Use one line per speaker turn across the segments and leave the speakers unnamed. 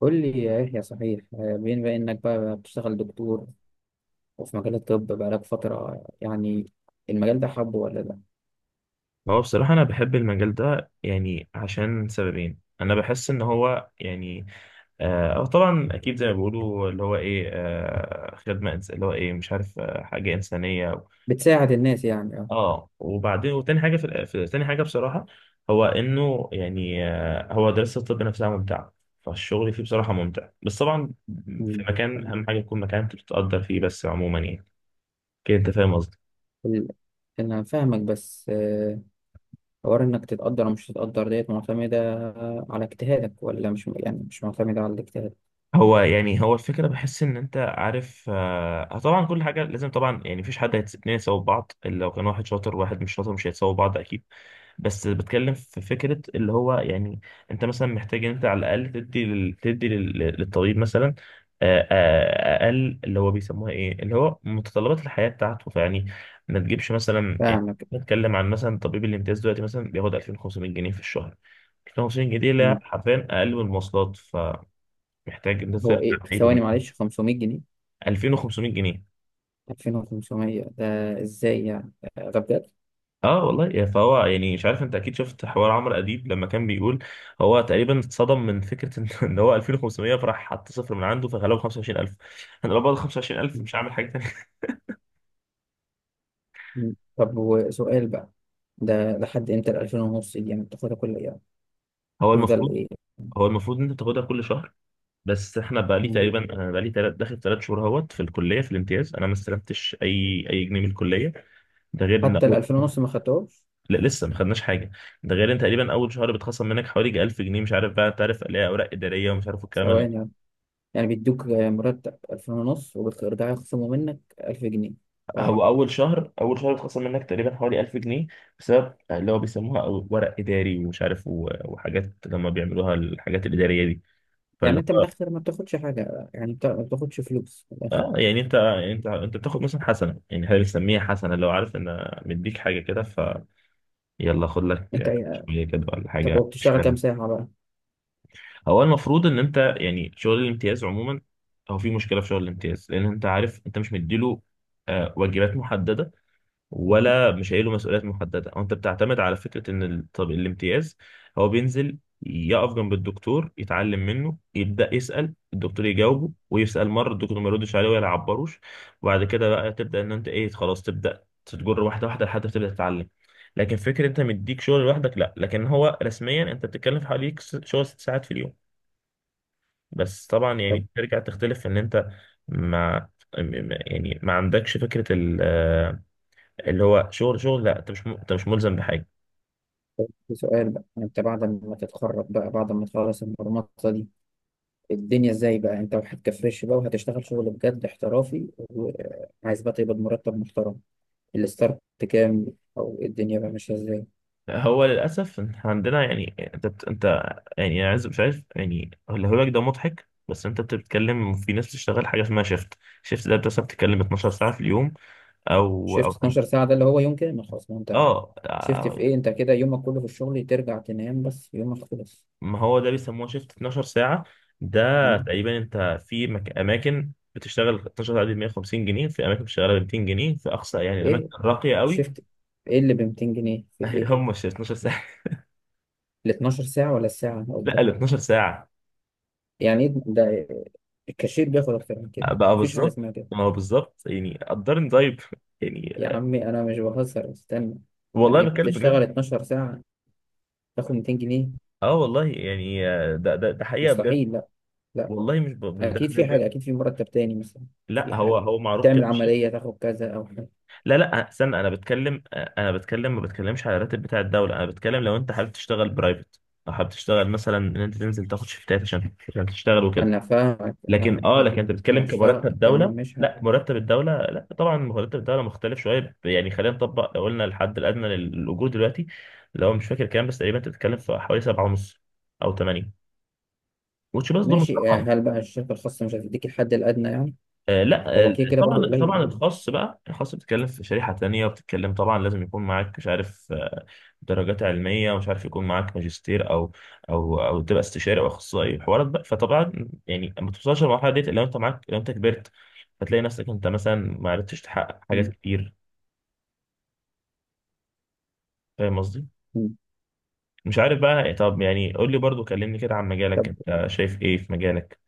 قول لي يا يحيى، صحيح؟ بما انك بقى بتشتغل دكتور وفي مجال الطب بقالك فترة، يعني المجال ده حبه ولا لا؟
هو بصراحة أنا بحب المجال ده، يعني عشان سببين. أنا بحس إن هو يعني، أو طبعا أكيد زي ما بيقولوا اللي هو إيه، خدمة اللي هو إيه، مش عارف، حاجة إنسانية.
بتساعد الناس يعني، اه.
وبعدين وتاني حاجة في تاني حاجة بصراحة، هو إنه يعني هو دراسة الطب نفسها ممتعة. فالشغل فيه بصراحة ممتع، بس طبعا في
مم.
مكان، أهم حاجة يكون مكان أنت بتتقدر فيه. بس عموما يعني كده أنت فاهم قصدي.
ال- انا فاهمك، بس حوار انك تتقدر ومش تتقدر ديت معتمدة على اجتهادك، ولا مش، يعني مش معتمدة على الاجتهاد.
هو يعني هو الفكرة، بحس إن أنت عارف، طبعا كل حاجة لازم. طبعا يعني مفيش حد اتنين يساووا بعض، لو كان واحد شاطر وواحد مش شاطر مش هيتساووا بعض أكيد. بس بتكلم في فكرة اللي هو يعني، أنت مثلا محتاج إن أنت على الأقل للطبيب مثلا، أقل اللي هو بيسموها إيه، اللي هو متطلبات الحياة بتاعته. فيعني ما تجيبش مثلا يعني،
فاهمك.
نتكلم عن مثلا طبيب الامتياز دلوقتي مثلا بياخد 2500 جنيه في الشهر. 2500 جنيه دي، لا،
مم.
حرفيا أقل من المواصلات. محتاج لسه
هو ايه؟
ارجع بعيد،
ثواني
إن
معلش، 500 جنيه؟
2500 جنيه.
2500 ده ازاي يعني؟ ده بجد؟
اه والله فهو يعني، مش عارف، انت اكيد شفت حوار عمرو اديب لما كان بيقول، هو تقريبا اتصدم من فكره ان إن هو 2500، فراح حط صفر من عنده فخلاه 25000. انا لو باخد 25000 مش هعمل حاجه تانيه.
مم. طب وسؤال بقى، ده لحد امتى ال 2000 ونص دي؟ يعني بتاخدها كل ايام؟
هو
تفضل
المفروض،
ايه؟
هو المفروض ان انت تاخدها كل شهر. بس احنا بقى لي
مم.
تقريبا، انا بقى لي تلات داخل 3 شهور اهوت في الكليه، في الامتياز، انا ما استلمتش اي جنيه من الكليه. ده غير ان
حتى ال
اول.
2000 ونص ما خدتهاش؟
لا، لسه ما خدناش حاجه. ده غير ان تقريبا اول شهر بتخصم منك حوالي 1000 جنيه، مش عارف بقى، تعرف، الاقي اوراق اداريه ومش عارف، الكلام
ثواني يعني بيدوك مرتب 2000 ونص وبيرجعوا يخصموا منك 1000 جنيه؟ اه.
هو اول شهر بتخصم منك تقريبا حوالي 1000 جنيه، بسبب اللي هو بيسموها ورق اداري ومش عارف وحاجات لما بيعملوها الحاجات الاداريه دي، فاللي
يعني انت من
هو.
الاخر ما بتاخدش حاجه؟ يعني انت ما بتاخدش فلوس من الاخر؟
اه يعني انت، يعني انت بتاخد مثلا حسنه، يعني احنا بنسميها حسنه، لو عارف ان مديك حاجه كده، فيلا خد
انت
لك
إيه-
شويه كده ولا
طب
حاجه، مش
وبتشتغل
فاهم.
كام ساعه بقى؟
هو المفروض ان انت يعني شغل الامتياز عموما. هو في مشكله في شغل الامتياز، لان انت عارف انت مش مديله واجبات محدده،
مم.
ولا مش قايله مسؤوليات محدده، او انت بتعتمد على فكره ان طب الامتياز هو بينزل يقف جنب الدكتور، يتعلم منه، يبدا يسال الدكتور، يجاوبه، ويسال مره الدكتور ما يردش عليه ولا يعبروش. وبعد كده بقى تبدا ان انت ايه، خلاص، تبدا تتجر واحده واحده لحد ما تبدا تتعلم. لكن فكره انت مديك شغل لوحدك، لا. لكن هو رسميا انت بتتكلم في حوالي شغل 6 ساعات في اليوم. بس طبعا
طب
يعني ترجع تختلف ان انت ما م- يعني ما عندكش فكرة اللي هو شغل، لا انت مش م- انت مش ملزم بحاجة.
في سؤال بقى، يعني انت بعد ما تتخرج بقى، بعد ما تخلص المرمطه دي، الدنيا ازاي بقى؟ انت وحد فريش بقى وهتشتغل شغل بجد احترافي، وعايز بقى تقبض مرتب محترم، الستارت كام؟ او إيه الدنيا بقى ماشيه ازاي؟
هو للأسف إن إحنا عندنا، يعني انت انت، يعني أنا عايز مش عارف، يعني الهلاك ده مضحك، بس انت بتتكلم في ناس بتشتغل حاجة اسمها شيفت. شيفت ده بتبقى بتتكلم 12 ساعة في اليوم، او.
شيفت 12 ساعه ده اللي هو يوم كامل، خلاص ما انت
اه،
شيفت في ايه؟ انت كده يومك كله في الشغل، ترجع تنام بس يومك خلص.
ما هو ده بيسموه شيفت 12 ساعة ده.
مم.
تقريبا انت في اماكن بتشتغل 12 ساعة ب 150 جنيه، في اماكن بتشتغل ب 200 جنيه في اقصى يعني الاماكن
ايه
الراقية قوي.
شيفت؟ ايه اللي ب 200 جنيه في الايه؟
هم مش 12 ساعة.
ال 12 ساعه ولا الساعه أو
لا،
ده؟
ال 12 ساعة.
يعني ايه ده؟ الكاشير بياخد اكتر من كده.
بقى
مفيش حاجه
بالظبط.
اسمها كده.
ما هو بالظبط، يعني قدرني طيب يعني.
يا عمي انا مش بهزر، استنى.
والله
يعني
بتكلم بجد.
بتشتغل 12 ساعه تاخد 200 جنيه؟
اه والله يعني، ده حقيقة بجد.
مستحيل. لا، لا.
والله مش ده
اكيد
حقيقة
في حاجه،
بجد.
اكيد في مرتب تاني مثلا.
لا،
في
هو
حاجه،
هو معروف
تعمل
كده.
عمليه تاخد كذا او حاجه.
لا، لا، استنى، انا بتكلم، ما بتكلمش على الراتب بتاع الدوله، انا بتكلم لو انت حابب تشتغل برايفت، او حابب تشتغل مثلا ان انت تنزل تاخد شيفتات عشان تشتغل وكده.
انا فاهمك.
لكن لكن انت بتتكلم
هشتغل
كمرتب
يا عم،
دوله،
مش ه...
لا مرتب الدوله، لا طبعا مرتب الدوله مختلف شويه. يعني خلينا نطبق، لو قلنا الحد الادنى للاجور دلوقتي، لو مش فاكر كام، بس تقريبا انت بتتكلم في حوالي 7.5 او 8، which برضه مش
ماشي،
رقم.
هل بقى الشركه الخاصه مش هتديك الحد الادنى يعني؟
لا
هو كده كده برضه
طبعا
قليل
طبعا.
برضه.
الخاص بتتكلم في شريحة تانية، بتتكلم طبعا لازم يكون معاك، مش عارف درجات علمية ومش عارف، يكون معاك ماجستير او تبقى استشاري او اخصائي حوارات بقى. فطبعا يعني ما توصلش للمرحلة دي، لو انت كبرت، فتلاقي نفسك انت مثلا ما عرفتش تحقق حاجات
م-
كتير. فاهم قصدي؟
م.
مش عارف بقى. طب يعني قول لي برضو، كلمني كده عن مجالك.
طب،
انت شايف ايه في مجالك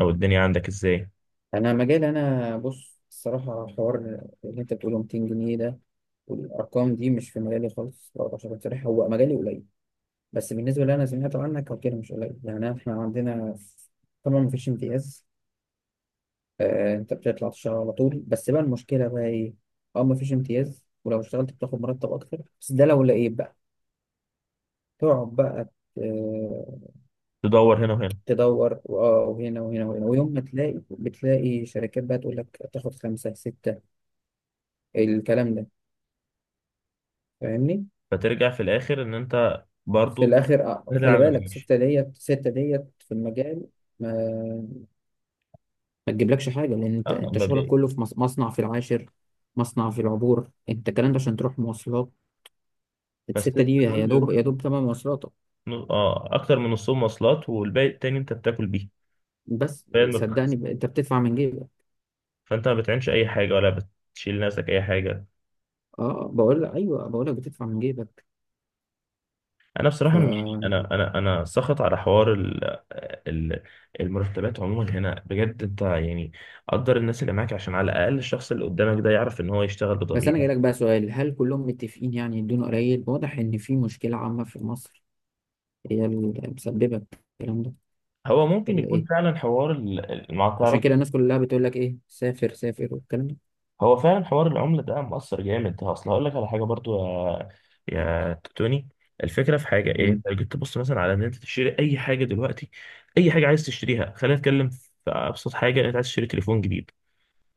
او الدنيا عندك ازاي؟
انا مجال، انا بص الصراحه، حوار اللي انت بتقوله 200 جنيه ده والارقام دي مش في مجالي خالص برضه. عشان أكون صريح، هو مجالي قليل، بس بالنسبه اللي انا سمعته عنك هو كده مش قليل. يعني احنا عندنا طبعا مفيش امتياز، انت بتطلع تشتغل على طول، بس بقى المشكله بقى ايه؟ اه، مفيش امتياز، ولو اشتغلت بتاخد مرتب اكتر، بس ده لو لقيت بقى. تقعد بقى، آه،
تدور هنا وهنا.
تدور، واه، وهنا وهنا وهنا، ويوم ما تلاقي، بتلاقي شركات بقى تقول لك تاخد خمسة ستة، الكلام ده. فاهمني؟
فترجع في الاخر ان انت
في
برضو،
الاخر
بدل
خلي
على ما
بالك،
فيش.
ستة ديت ستة ديت في المجال، ما ما تجيبلكش حاجة، لأن
اه
أنت شغلك
مبدئي.
كله في مصنع في العاشر، مصنع في العبور، أنت الكلام ده عشان تروح مواصلات،
فالست
الستة دي هي
دول
يا دوب يا
بيروحوا،
دوب تمن مواصلاتك.
اه، اكتر من نصهم مواصلات والباقي التاني انت بتاكل بيه.
بس
فهي
صدقني،
المتخصص،
انت بتدفع من جيبك.
فانت ما بتعينش اي حاجه ولا بتشيل نفسك اي حاجه.
اه، بقول لك ايوه، بقول لك بتدفع من جيبك.
انا
ف
بصراحه، مش، انا سخط على حوار ال... المرتبات عموما هنا بجد. انت يعني قدر الناس اللي معاك، عشان على الاقل الشخص اللي قدامك ده يعرف ان هو يشتغل
بس
بضمير.
انا جايلك بقى سؤال، هل كلهم متفقين يعني يدونا قليل؟ واضح ان في مشكله عامه في مصر هي اللي مسببه الكلام ده
هو ممكن
ولا
يكون
ايه؟
فعلا حوار ما
عشان
تعرف.
كده الناس كلها بتقول لك ايه، سافر سافر والكلام ده.
هو فعلا حوار العملة ده مؤثر جامد. اصل هقول لك على حاجة برضو، يا توني. الفكرة في حاجة، يعني
امم.
انت لو جيت تبص مثلا على ان انت تشتري اي حاجة دلوقتي. اي حاجة عايز تشتريها، خلينا نتكلم في ابسط حاجة، انت عايز تشتري تليفون جديد.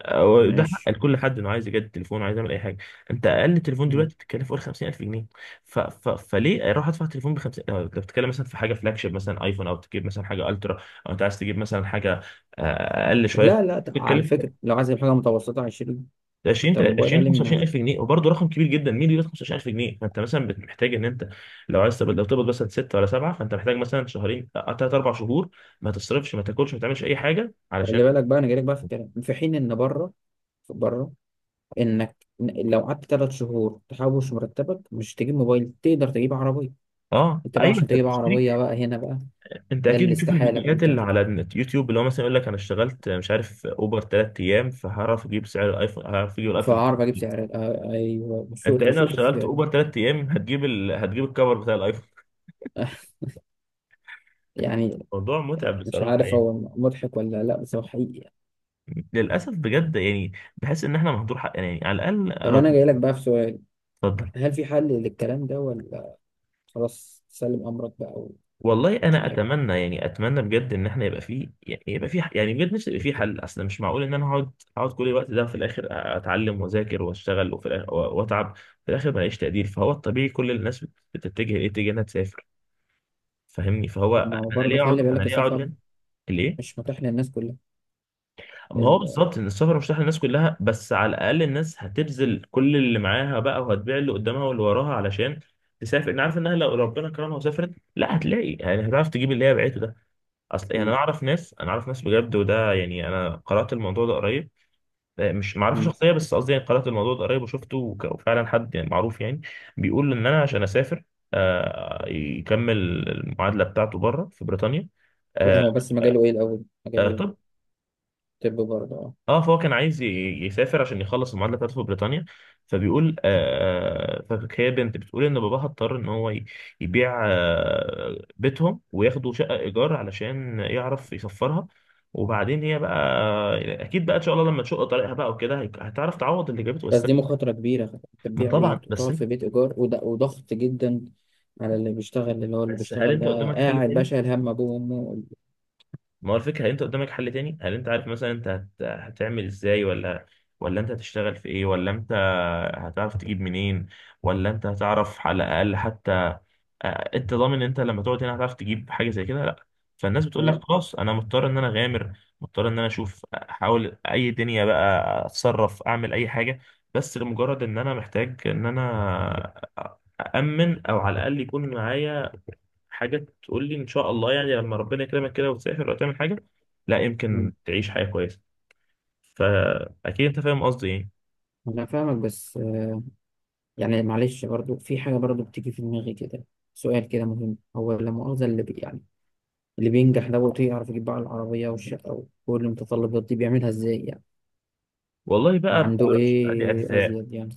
أو ده حق
ماشي.
لكل حد انه عايز يجدد تليفون، عايز يعمل اي حاجة. انت اقل تليفون
مم.
دلوقتي بتتكلم فوق ال 50000 جنيه. فليه اروح ادفع تليفون ب 50؟ لو انت بتتكلم مثلا في حاجة فلاج شيب مثلا ايفون، او تجيب مثلا حاجة الترا، او انت عايز تجيب مثلا حاجة اقل شوية.
لا، لا على
بتتكلم،
فكره لو عايز حاجه متوسطه 20.
ده 20
انت موبايل
20
اقل من
25000
10؟
جنيه وبرضه رقم كبير جدا، مين اللي يقبض 25000 جنيه؟ فانت مثلا محتاج ان انت لو تقبض مثلا 6 ولا 7، فانت محتاج مثلا شهرين، 3، 4 شهور، ما تصرفش ما تاكلش ما تعملش اي حاجه علشان.
خلي بالك بقى، انا جايلك بقى في الكلام، في حين ان بره، بره، انك لو قعدت 3 شهور تحوش مرتبك، مش تجيب موبايل، تقدر تجيب عربيه.
اه
انت بقى
ايوه،
عشان
انت
تجيب
بتشتري.
عربيه بقى هنا بقى،
انت
ده
اكيد بتشوف
الاستحاله بقى.
الفيديوهات
انت،
اللي على النت، يوتيوب، اللي هو مثلا يقول لك انا اشتغلت مش عارف اوبر 3 ايام فهعرف اجيب سعر الايفون، هعرف اجيب الايفون.
فعربيه اجيب سعر، ايوه،
انت
بشوف،
هنا لو
بشوف
اشتغلت
الفيديو ده.
اوبر 3 ايام هتجيب الكفر بتاع الايفون.
يعني،
موضوع متعب
مش
بصراحه
عارف
يعني.
هو مضحك ولا لا، بس هو حقيقي.
للاسف بجد يعني. بحس ان احنا مهدور حقنا، يعني على الاقل.
طب انا
رد.
جاي لك بقى في سؤال،
اتفضل.
هل في حل للكلام ده، ولا خلاص سلم امرك بقى ومش
والله انا
عارف؟
اتمنى، يعني اتمنى بجد، ان احنا يبقى فيه، يعني يبقى فيه، يعني بجد نفسي يبقى فيه حل. اصل مش معقول ان انا اقعد، اقعد كل الوقت ده، في الاخر اتعلم واذاكر واشتغل، وفي الاخر واتعب، في الاخر ما الاقيش تقدير. فهو الطبيعي كل الناس بتتجه لايه؟ تتجه انها تسافر. فاهمني؟ فهو،
طب ما هو برضه خلي
انا
بالك،
ليه اقعد
السفر
هنا؟ ليه؟
مش متاح للناس كلها.
ما هو
ال...
بالظبط ان السفر مش رايح للناس كلها. بس على الاقل الناس هتبذل كل اللي معاها بقى، وهتبيع اللي قدامها واللي وراها علشان تسافر. انا عارف انها لو ربنا كرمها وسافرت، لا، هتلاقي يعني، هتعرف تجيب اللي هي بعته ده. اصل يعني،
مم.
انا اعرف ناس بجد، وده يعني انا قرات الموضوع ده قريب، مش معرفه
مم.
شخصيه بس قصدي يعني قرات الموضوع ده قريب وشفته، وفعلا حد يعني معروف يعني بيقول، ان انا عشان اسافر، يكمل المعادله بتاعته بره في بريطانيا.
لا،
آه،
هو بس مجاله ايه الاول؟ مجاله
طب.
ايه؟ طب برضه، اه.
اه فهو كان عايز يسافر عشان يخلص المعادله بتاعته في بريطانيا. فبيقول فهي بنت بتقول ان باباها اضطر ان هو يبيع بيتهم وياخدوا شقه ايجار علشان يعرف يسفرها. وبعدين هي بقى، اكيد بقى ان شاء الله لما تشق طريقها بقى وكده، هتعرف تعوض اللي جابته
بس
بس.
دي مخاطرة كبيرة، انت
ما
تبيع
طبعا،
بيت وتقعد في بيت إيجار، وده وضغط جدا على اللي بيشتغل، اللي هو اللي
بس هل
بيشتغل
انت
ده
قدامك حل
قاعد بقى
تاني؟
شايل هم أبوه وأمه.
ما هو الفكرة، هل انت قدامك حل تاني؟ هل انت عارف مثلا انت هتعمل ازاي؟ ولا انت هتشتغل في ايه؟ ولا انت هتعرف تجيب منين؟ ولا انت هتعرف على الاقل حتى، انت ضامن انت لما تقعد هنا هتعرف تجيب حاجة زي كده؟ لا. فالناس بتقول لك
لا.
خلاص انا مضطر ان انا اغامر، مضطر ان انا اشوف، احاول اي دنيا بقى، اتصرف، اعمل اي حاجة. بس لمجرد ان انا محتاج ان انا أأمن، او على الاقل يكون معايا حاجة تقول لي إن شاء الله يعني لما ربنا يكرمك كده وتسافر أو تعمل حاجة، لا
مم.
يمكن تعيش حياة كويسة. فأكيد أنت فاهم قصدي إيه.
أنا فاهمك، بس يعني معلش برضو في حاجة برضو بتيجي في دماغي كده، سؤال كده مهم. هو لا مؤاخذة، اللي يعني اللي بينجح دوت، يعرف يجيب بقى العربية والشقة وكل المتطلبات دي، بيعملها إزاي يعني؟
والله بقى ما
عنده
بعرفش، أدي
إيه
أرزاق،
أزيد يعني؟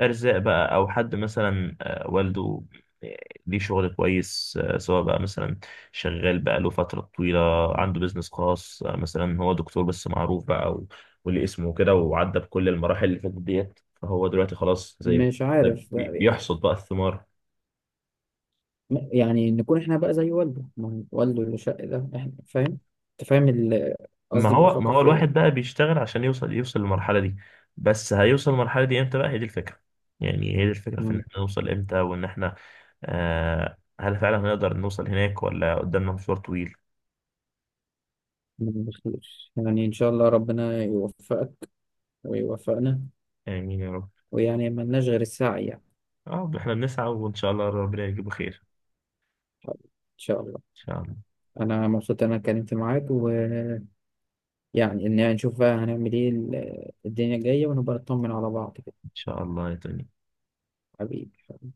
أرزاق بقى، أو حد مثلا والده آه، ليه شغل كويس سواء بقى مثلا شغال بقى له فترة طويلة، عنده بيزنس خاص مثلا هو دكتور بس معروف بقى واللي اسمه كده، وعدى بكل المراحل اللي فاتت ديت. فهو دلوقتي خلاص، زي،
مش عارف بقى.
بيحصد بقى الثمار.
يعني نكون احنا بقى زي والده، ما هو والده اللي شق ده، احنا فاهم، انت فاهم
ما
قصدي،
هو ما
بفكر
هو
في ايه.
الواحد بقى بيشتغل عشان يوصل للمرحلة دي. بس هيوصل للمرحلة دي امتى بقى؟ هي دي الفكرة. يعني هي دي الفكرة، في ان
مم.
احنا نوصل امتى، وان احنا، هل فعلا هنقدر نوصل هناك ولا قدامنا مشوار طويل؟
مم، بخير يعني ان شاء الله، ربنا يوفقك ويوفقنا.
آمين يا رب.
ويعني ما لناش غير السعي يعني.
اه احنا بنسعى وان شاء الله ربنا يجيبه خير.
طيب، ان شاء الله.
ان شاء الله.
انا مبسوط إن انا اتكلمت معاك، ويعني، يعني نشوف بقى هنعمل ايه الدنيا الجايه، ونبقى نطمن على بعض كده.
ان شاء الله يا توني.
حبيبي.